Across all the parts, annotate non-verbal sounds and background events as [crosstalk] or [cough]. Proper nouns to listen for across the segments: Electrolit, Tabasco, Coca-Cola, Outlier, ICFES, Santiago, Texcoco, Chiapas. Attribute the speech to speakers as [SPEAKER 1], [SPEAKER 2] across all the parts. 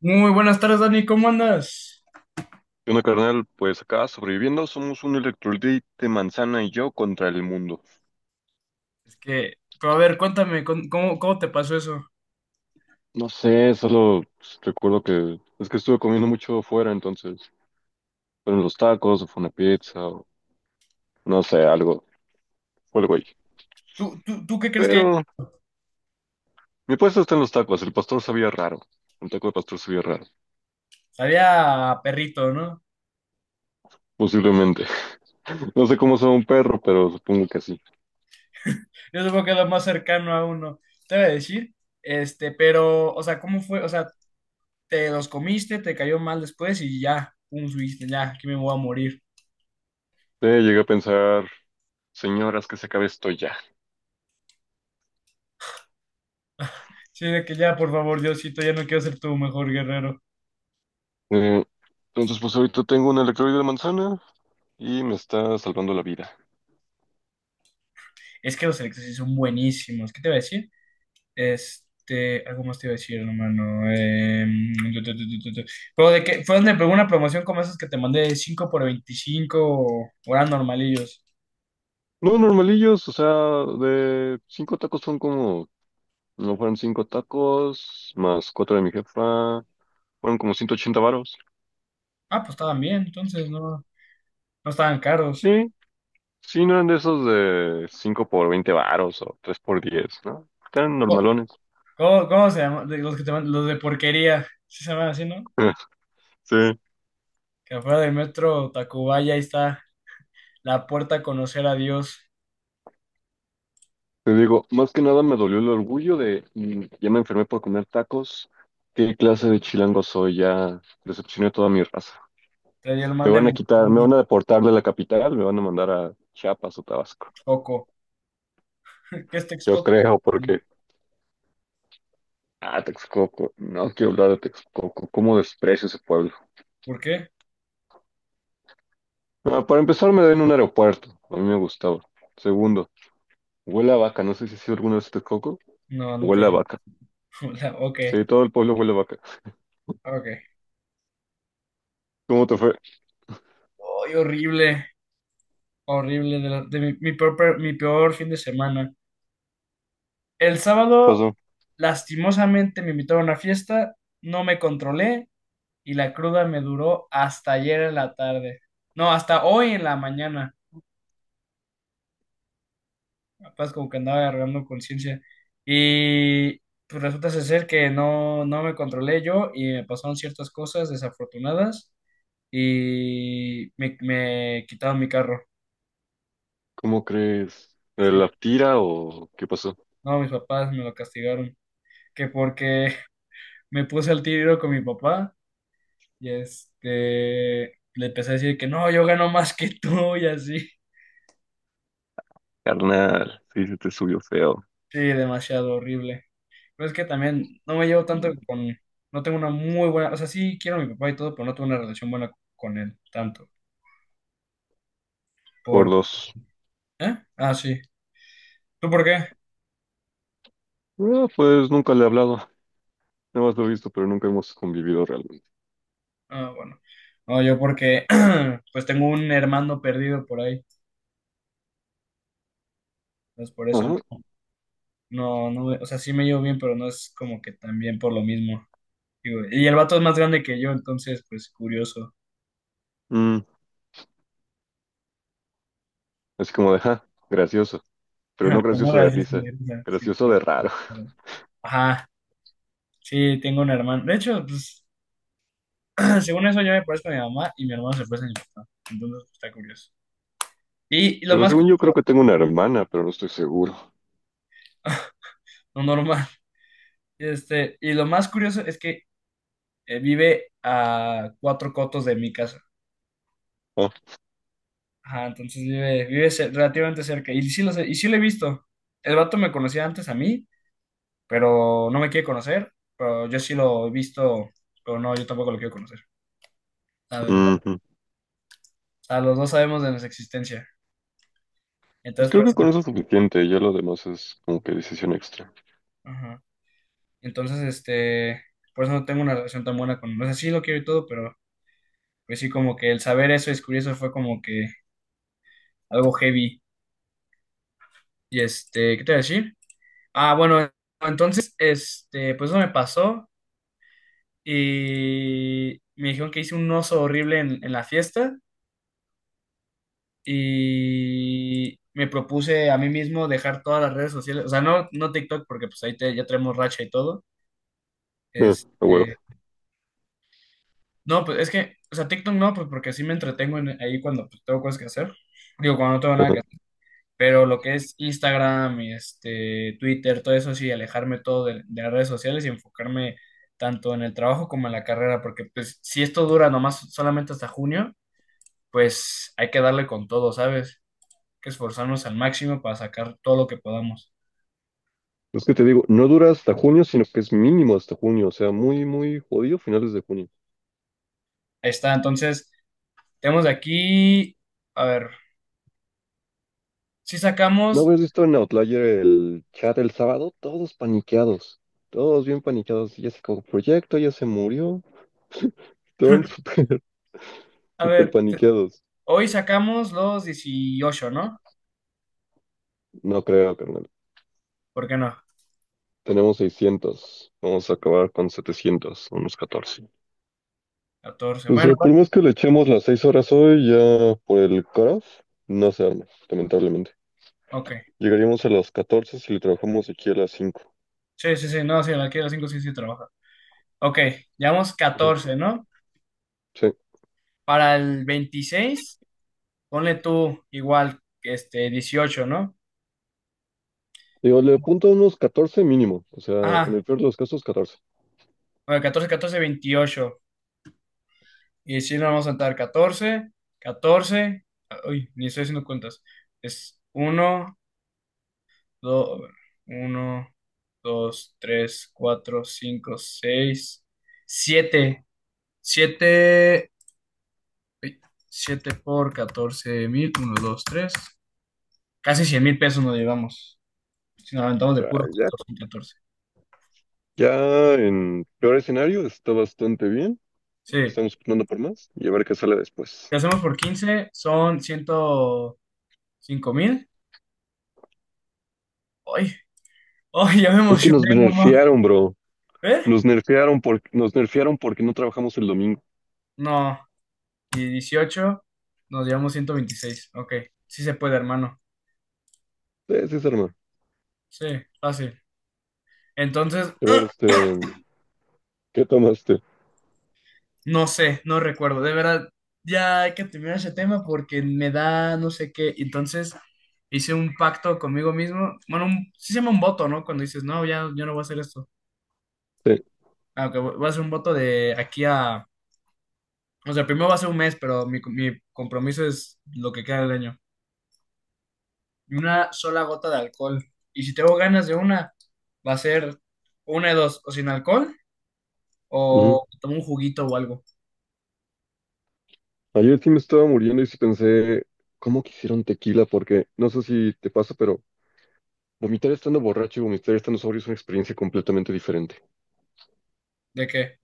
[SPEAKER 1] Muy buenas tardes, Dani, ¿cómo andas?
[SPEAKER 2] ¿Qué onda, carnal? Pues acá sobreviviendo, somos un electrolit manzana y yo contra el mundo.
[SPEAKER 1] Es que, pero a ver, cuéntame, ¿cómo te pasó eso?
[SPEAKER 2] No sé, solo pues, recuerdo que es que estuve comiendo mucho fuera, entonces fueron los tacos, o fue una pizza, o no sé, algo, fue el güey.
[SPEAKER 1] ¿Tú qué crees que
[SPEAKER 2] Pero mi puesto está en los tacos, el pastor sabía raro, un taco de pastor sabía raro,
[SPEAKER 1] había perrito, ¿no?
[SPEAKER 2] posiblemente. [laughs] No sé cómo sabe un perro, pero supongo que sí.
[SPEAKER 1] Yo supongo que es lo más cercano a uno, te voy a decir, este, pero, o sea, ¿cómo fue? O sea, ¿te los comiste, te cayó mal después y ya, un subiste, ya, aquí me voy a morir?
[SPEAKER 2] Llegué a pensar, señoras, que se acabe esto ya.
[SPEAKER 1] Sí, de que ya, por favor, Diosito, ya no quiero ser tu mejor guerrero.
[SPEAKER 2] Eh, entonces, pues ahorita tengo un electrolit de manzana y me está salvando la vida.
[SPEAKER 1] Es que los electros sí son buenísimos, ¿qué te voy a decir? Este, algo más te iba a decir, hermano. Em, tu, tu, tu, tu, tu, tu. Pero de que fue donde pegó una promoción como esas que te mandé de 5 por 25 o eran normalillos.
[SPEAKER 2] No, normalillos, o sea, de cinco tacos son como, no fueron cinco tacos, más cuatro de mi jefa, fueron como 180 varos.
[SPEAKER 1] Ah, pues estaban bien, entonces no, no estaban caros.
[SPEAKER 2] Sí, sí, no eran de esos de cinco por 20 varos o tres por 10, ¿no? Eran
[SPEAKER 1] Co-
[SPEAKER 2] normalones.
[SPEAKER 1] ¿cómo se llama? De los que te los de porquería. Sí se llaman así, ¿no?
[SPEAKER 2] [laughs] Sí,
[SPEAKER 1] Que afuera del metro Tacubaya ahí está la puerta a conocer a Dios.
[SPEAKER 2] te digo, más que nada me dolió el orgullo de, ya me enfermé por comer tacos, ¿qué clase de chilango soy? Ya decepcioné a toda mi raza.
[SPEAKER 1] Traía el mal
[SPEAKER 2] Me
[SPEAKER 1] de
[SPEAKER 2] van a quitar, me
[SPEAKER 1] Montezuma,
[SPEAKER 2] van a deportar de la capital, me van a mandar a Chiapas o Tabasco.
[SPEAKER 1] Coco. ¿Qué es
[SPEAKER 2] Yo
[SPEAKER 1] Texcoco?
[SPEAKER 2] creo, porque. Ah, Texcoco. No quiero hablar de Texcoco. ¿Cómo desprecio ese pueblo?
[SPEAKER 1] ¿Por qué?
[SPEAKER 2] Ah, para empezar, me den un aeropuerto. A mí me gustaba. Segundo, huele a vaca. No sé si has sido alguna vez a Texcoco.
[SPEAKER 1] No, nunca he
[SPEAKER 2] Huele a
[SPEAKER 1] ido.
[SPEAKER 2] vaca.
[SPEAKER 1] [laughs] Ok,
[SPEAKER 2] Sí, todo el pueblo huele a vaca.
[SPEAKER 1] ok.
[SPEAKER 2] ¿Cómo te fue? ¿Qué
[SPEAKER 1] Ay, horrible. Horrible de mi peor fin de semana. El sábado,
[SPEAKER 2] pasó?
[SPEAKER 1] lastimosamente, me invitaron a una fiesta, no me controlé y la cruda me duró hasta ayer en la tarde. No, hasta hoy en la mañana. Capaz como que andaba agarrando conciencia. Y pues resulta ser que no, no me controlé yo y me pasaron ciertas cosas desafortunadas y me quitaron mi carro.
[SPEAKER 2] ¿Cómo crees? ¿Eh,
[SPEAKER 1] Sí.
[SPEAKER 2] ¿la tira o qué pasó?
[SPEAKER 1] No, mis papás me lo castigaron. Que porque me puse al tiro con mi papá y este, le empecé a decir que no, yo gano más que tú y así.
[SPEAKER 2] Carnal, sí, se te subió feo.
[SPEAKER 1] Sí, demasiado horrible. Pero es que también no me llevo tanto con, no tengo una muy buena, o sea, sí quiero a mi papá y todo, pero no tengo una relación buena con él tanto. ¿Por
[SPEAKER 2] Por dos.
[SPEAKER 1] ¿Eh? Ah, sí. ¿Tú por qué?
[SPEAKER 2] Ah, pues nunca le he hablado. Nada más lo he visto, pero nunca hemos convivido realmente.
[SPEAKER 1] Ah, bueno. No, yo porque [clears throat] pues tengo un hermano perdido por ahí. Entonces por eso
[SPEAKER 2] Ajá.
[SPEAKER 1] no, no, o sea, sí me llevo bien, pero no es como que también por lo mismo. Digo, y el vato es más grande que yo, entonces, pues curioso.
[SPEAKER 2] Mm, así como de, ja, gracioso, pero no
[SPEAKER 1] Ajá, pues, no,
[SPEAKER 2] gracioso de
[SPEAKER 1] gracias, sí,
[SPEAKER 2] risa,
[SPEAKER 1] o sea, sí,
[SPEAKER 2] gracioso de raro.
[SPEAKER 1] pero-
[SPEAKER 2] [laughs]
[SPEAKER 1] ajá, sí, tengo un hermano. De hecho, pues, [clears throat] según eso, yo me parezco a mi mamá y mi hermano se parece a mi papá. Entonces, pues, está curioso. Y lo
[SPEAKER 2] Digo,
[SPEAKER 1] más
[SPEAKER 2] según yo creo
[SPEAKER 1] curioso,
[SPEAKER 2] que tengo una hermana, pero no estoy seguro.
[SPEAKER 1] [laughs] no normal. Este, y lo más curioso es que vive a cuatro cotos de mi casa.
[SPEAKER 2] Ah,
[SPEAKER 1] Ajá, entonces relativamente cerca. Y sí, lo sé- y sí lo he visto. El vato me conocía antes a mí, pero no me quiere conocer. Pero yo sí lo he visto, pero no, yo tampoco lo quiero conocer. La verdad. O
[SPEAKER 2] ujú.
[SPEAKER 1] sea, los dos sabemos de nuestra existencia.
[SPEAKER 2] Pues
[SPEAKER 1] Entonces, por
[SPEAKER 2] creo que
[SPEAKER 1] eso,
[SPEAKER 2] con eso es suficiente, ya lo demás es como que decisión extra.
[SPEAKER 1] ajá. Entonces, este, por eso no tengo una relación tan buena con, no sé sí lo quiero y todo, pero pues sí, como que el saber eso, descubrir eso fue como que algo heavy. Y este, ¿qué te voy a decir? Ah, bueno, entonces, este, pues eso me pasó y me dijeron que hice un oso horrible en la fiesta y me propuse a mí mismo dejar todas las redes sociales, o sea, no, no TikTok porque pues ahí ya traemos racha y todo.
[SPEAKER 2] Ah, a huevo.
[SPEAKER 1] Este, no, pues es que, o sea, TikTok no, pues porque así me entretengo ahí cuando pues, tengo cosas que hacer. Digo, cuando no tengo nada que
[SPEAKER 2] Ajá.
[SPEAKER 1] hacer. Pero lo que es Instagram, y este, Twitter, todo eso sí, alejarme todo de las redes sociales y enfocarme tanto en el trabajo como en la carrera, porque pues si esto dura nomás solamente hasta junio, pues hay que darle con todo, ¿sabes? Hay que esforzarnos al máximo para sacar todo lo que podamos.
[SPEAKER 2] Es que te digo, no dura hasta junio, sino que es mínimo hasta junio, o sea, muy, muy jodido finales de junio.
[SPEAKER 1] Ahí está, entonces, tenemos de aquí, a ver, si
[SPEAKER 2] ¿No
[SPEAKER 1] sacamos,
[SPEAKER 2] habías visto en Outlier el chat el sábado? Todos paniqueados, todos bien paniqueados, ya se acabó el proyecto, ya se murió, estaban súper, [laughs]
[SPEAKER 1] a
[SPEAKER 2] súper
[SPEAKER 1] ver,
[SPEAKER 2] paniqueados.
[SPEAKER 1] hoy sacamos los dieciocho, ¿no?
[SPEAKER 2] No creo, carnal.
[SPEAKER 1] ¿Por qué no?
[SPEAKER 2] Tenemos 600. Vamos a acabar con 700, unos 14.
[SPEAKER 1] Catorce.
[SPEAKER 2] O
[SPEAKER 1] Bueno,
[SPEAKER 2] sea, por más que le echemos las 6 horas hoy, ya por el cutoff, no se arma, lamentablemente.
[SPEAKER 1] ok.
[SPEAKER 2] Llegaríamos a las 14 si le trabajamos aquí a las 5.
[SPEAKER 1] Sí, sí, sí, no, sí, aquí a las 5 sí, sí trabaja. Ok, llevamos
[SPEAKER 2] Ujú.
[SPEAKER 1] catorce, ¿no?
[SPEAKER 2] Sí.
[SPEAKER 1] Para el 26 ponle tú igual, este, dieciocho, ¿no?
[SPEAKER 2] Digo, le apunto a unos 14 mínimo. O sea, en
[SPEAKER 1] Ajá,
[SPEAKER 2] el peor de los casos, 14.
[SPEAKER 1] bueno, catorce, catorce, veintiocho. Y si nos vamos a saltar catorce, catorce, ah, uy, ni estoy haciendo cuentas. Es uno, dos uno dos, tres, cuatro, cinco, seis, siete, siete ey, 7 por 14 mil, uno, dos, tres. Casi 100 mil pesos nos llevamos. Si nos aventamos
[SPEAKER 2] O
[SPEAKER 1] de
[SPEAKER 2] sea,
[SPEAKER 1] puro
[SPEAKER 2] ya,
[SPEAKER 1] catorce y 14.
[SPEAKER 2] ya en peor escenario está bastante bien.
[SPEAKER 1] Sí.
[SPEAKER 2] Estamos apuntando por más y a ver qué sale después.
[SPEAKER 1] Si hacemos por 15 son ciento cinco mil. ¡Ay! ¡Ay! Ya me
[SPEAKER 2] Es que nos
[SPEAKER 1] emocioné, mamá.
[SPEAKER 2] nerfearon, bro.
[SPEAKER 1] ¿Eh?
[SPEAKER 2] Nos nerfearon porque no trabajamos el domingo.
[SPEAKER 1] No. Y 18 nos llevamos ciento veintiséis. Ok. Sí se puede, hermano.
[SPEAKER 2] Sí, sí, se arma.
[SPEAKER 1] Sí, fácil. Entonces,
[SPEAKER 2] A ver, este, ¿qué tomaste?
[SPEAKER 1] no sé, no recuerdo. De verdad, ya hay que terminar ese tema porque me da no sé qué. Entonces hice un pacto conmigo mismo. Bueno, sí se llama un voto, ¿no? Cuando dices, no, ya yo no voy a hacer esto.
[SPEAKER 2] Sí.
[SPEAKER 1] Ah, ok, voy a hacer un voto de aquí a. O sea, primero va a ser un mes, pero mi compromiso es lo que queda del año. Una sola gota de alcohol. Y si tengo ganas de una, va a ser una de dos, o sin alcohol,
[SPEAKER 2] Ujú.
[SPEAKER 1] o tomo un juguito o algo.
[SPEAKER 2] Ayer sí me estaba muriendo y sí pensé, ¿cómo quisieron tequila? Porque no sé si te pasa, pero vomitar estando borracho y vomitar estando sobrio es una experiencia completamente diferente.
[SPEAKER 1] ¿De qué?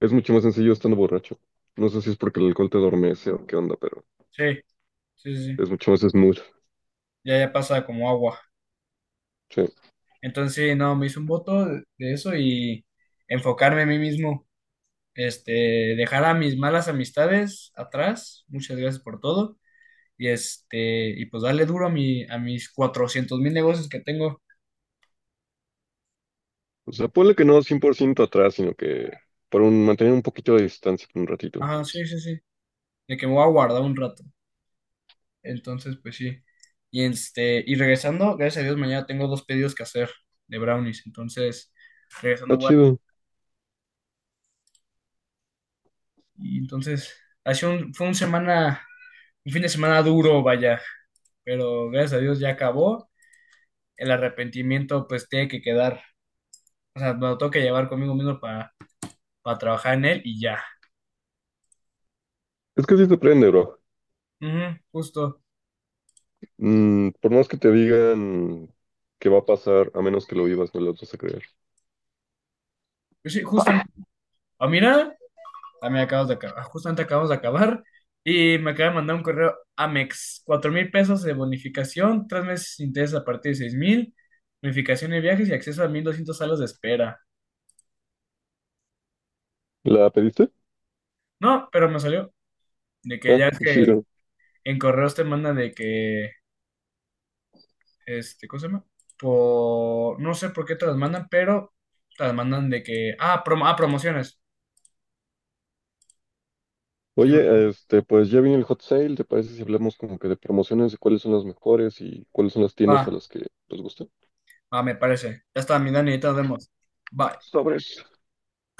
[SPEAKER 2] Es mucho más sencillo estando borracho. No sé si es porque el alcohol te adormece o qué onda, pero
[SPEAKER 1] Sí, sí, sí, sí.
[SPEAKER 2] es mucho más smooth.
[SPEAKER 1] Ya, ya pasa como agua.
[SPEAKER 2] Sí.
[SPEAKER 1] Entonces, no, me hice un voto de eso y enfocarme a mí mismo, este, dejar a mis malas amistades atrás, muchas gracias por todo, y este, y pues darle duro a a mis 400 mil negocios que tengo.
[SPEAKER 2] O sea, ponle que no 100% atrás, sino que mantener un poquito de distancia por un ratito.
[SPEAKER 1] Ajá, sí, sí, sí, de que me voy a guardar un rato. Entonces, pues sí. Y este, y regresando, gracias a Dios, mañana tengo dos pedidos que hacer de brownies, entonces, regresando,
[SPEAKER 2] Está chido.
[SPEAKER 1] y entonces, ha sido un, fue un semana, un fin de semana duro, vaya, pero gracias a Dios ya acabó. El arrepentimiento pues tiene que quedar, o sea, me lo tengo que llevar conmigo mismo para trabajar en él y ya.
[SPEAKER 2] Es que sí te prende, bro.
[SPEAKER 1] Ujú, justo.
[SPEAKER 2] Por más que te digan que va a pasar, a menos que lo vivas, no lo vas a creer.
[SPEAKER 1] Pues sí, justamente. Ah, mira, también acabas de acabar, justamente acabamos de acabar y me acaba de mandar un correo Amex, cuatro mil pesos de bonificación, tres meses sin intereses a partir de seis mil, bonificación de viajes y acceso a 1200 salas de espera.
[SPEAKER 2] ¿La pediste?
[SPEAKER 1] No, pero me salió de que
[SPEAKER 2] Ah,
[SPEAKER 1] ya es
[SPEAKER 2] [laughs]
[SPEAKER 1] que
[SPEAKER 2] chido.
[SPEAKER 1] en correos te mandan de que este, ¿cómo se llama? Por, no sé por qué te las mandan, pero te las mandan de que, ah, ah, promociones. Sí, bro.
[SPEAKER 2] Oye, este, pues ya viene el hot sale, ¿te parece si hablamos como que de promociones, de cuáles son las mejores y cuáles son las
[SPEAKER 1] Va,
[SPEAKER 2] tiendas a las que les gusta?
[SPEAKER 1] va, me parece. Ya está, mi Dani, ahí te nos vemos. Bye.
[SPEAKER 2] Sobre.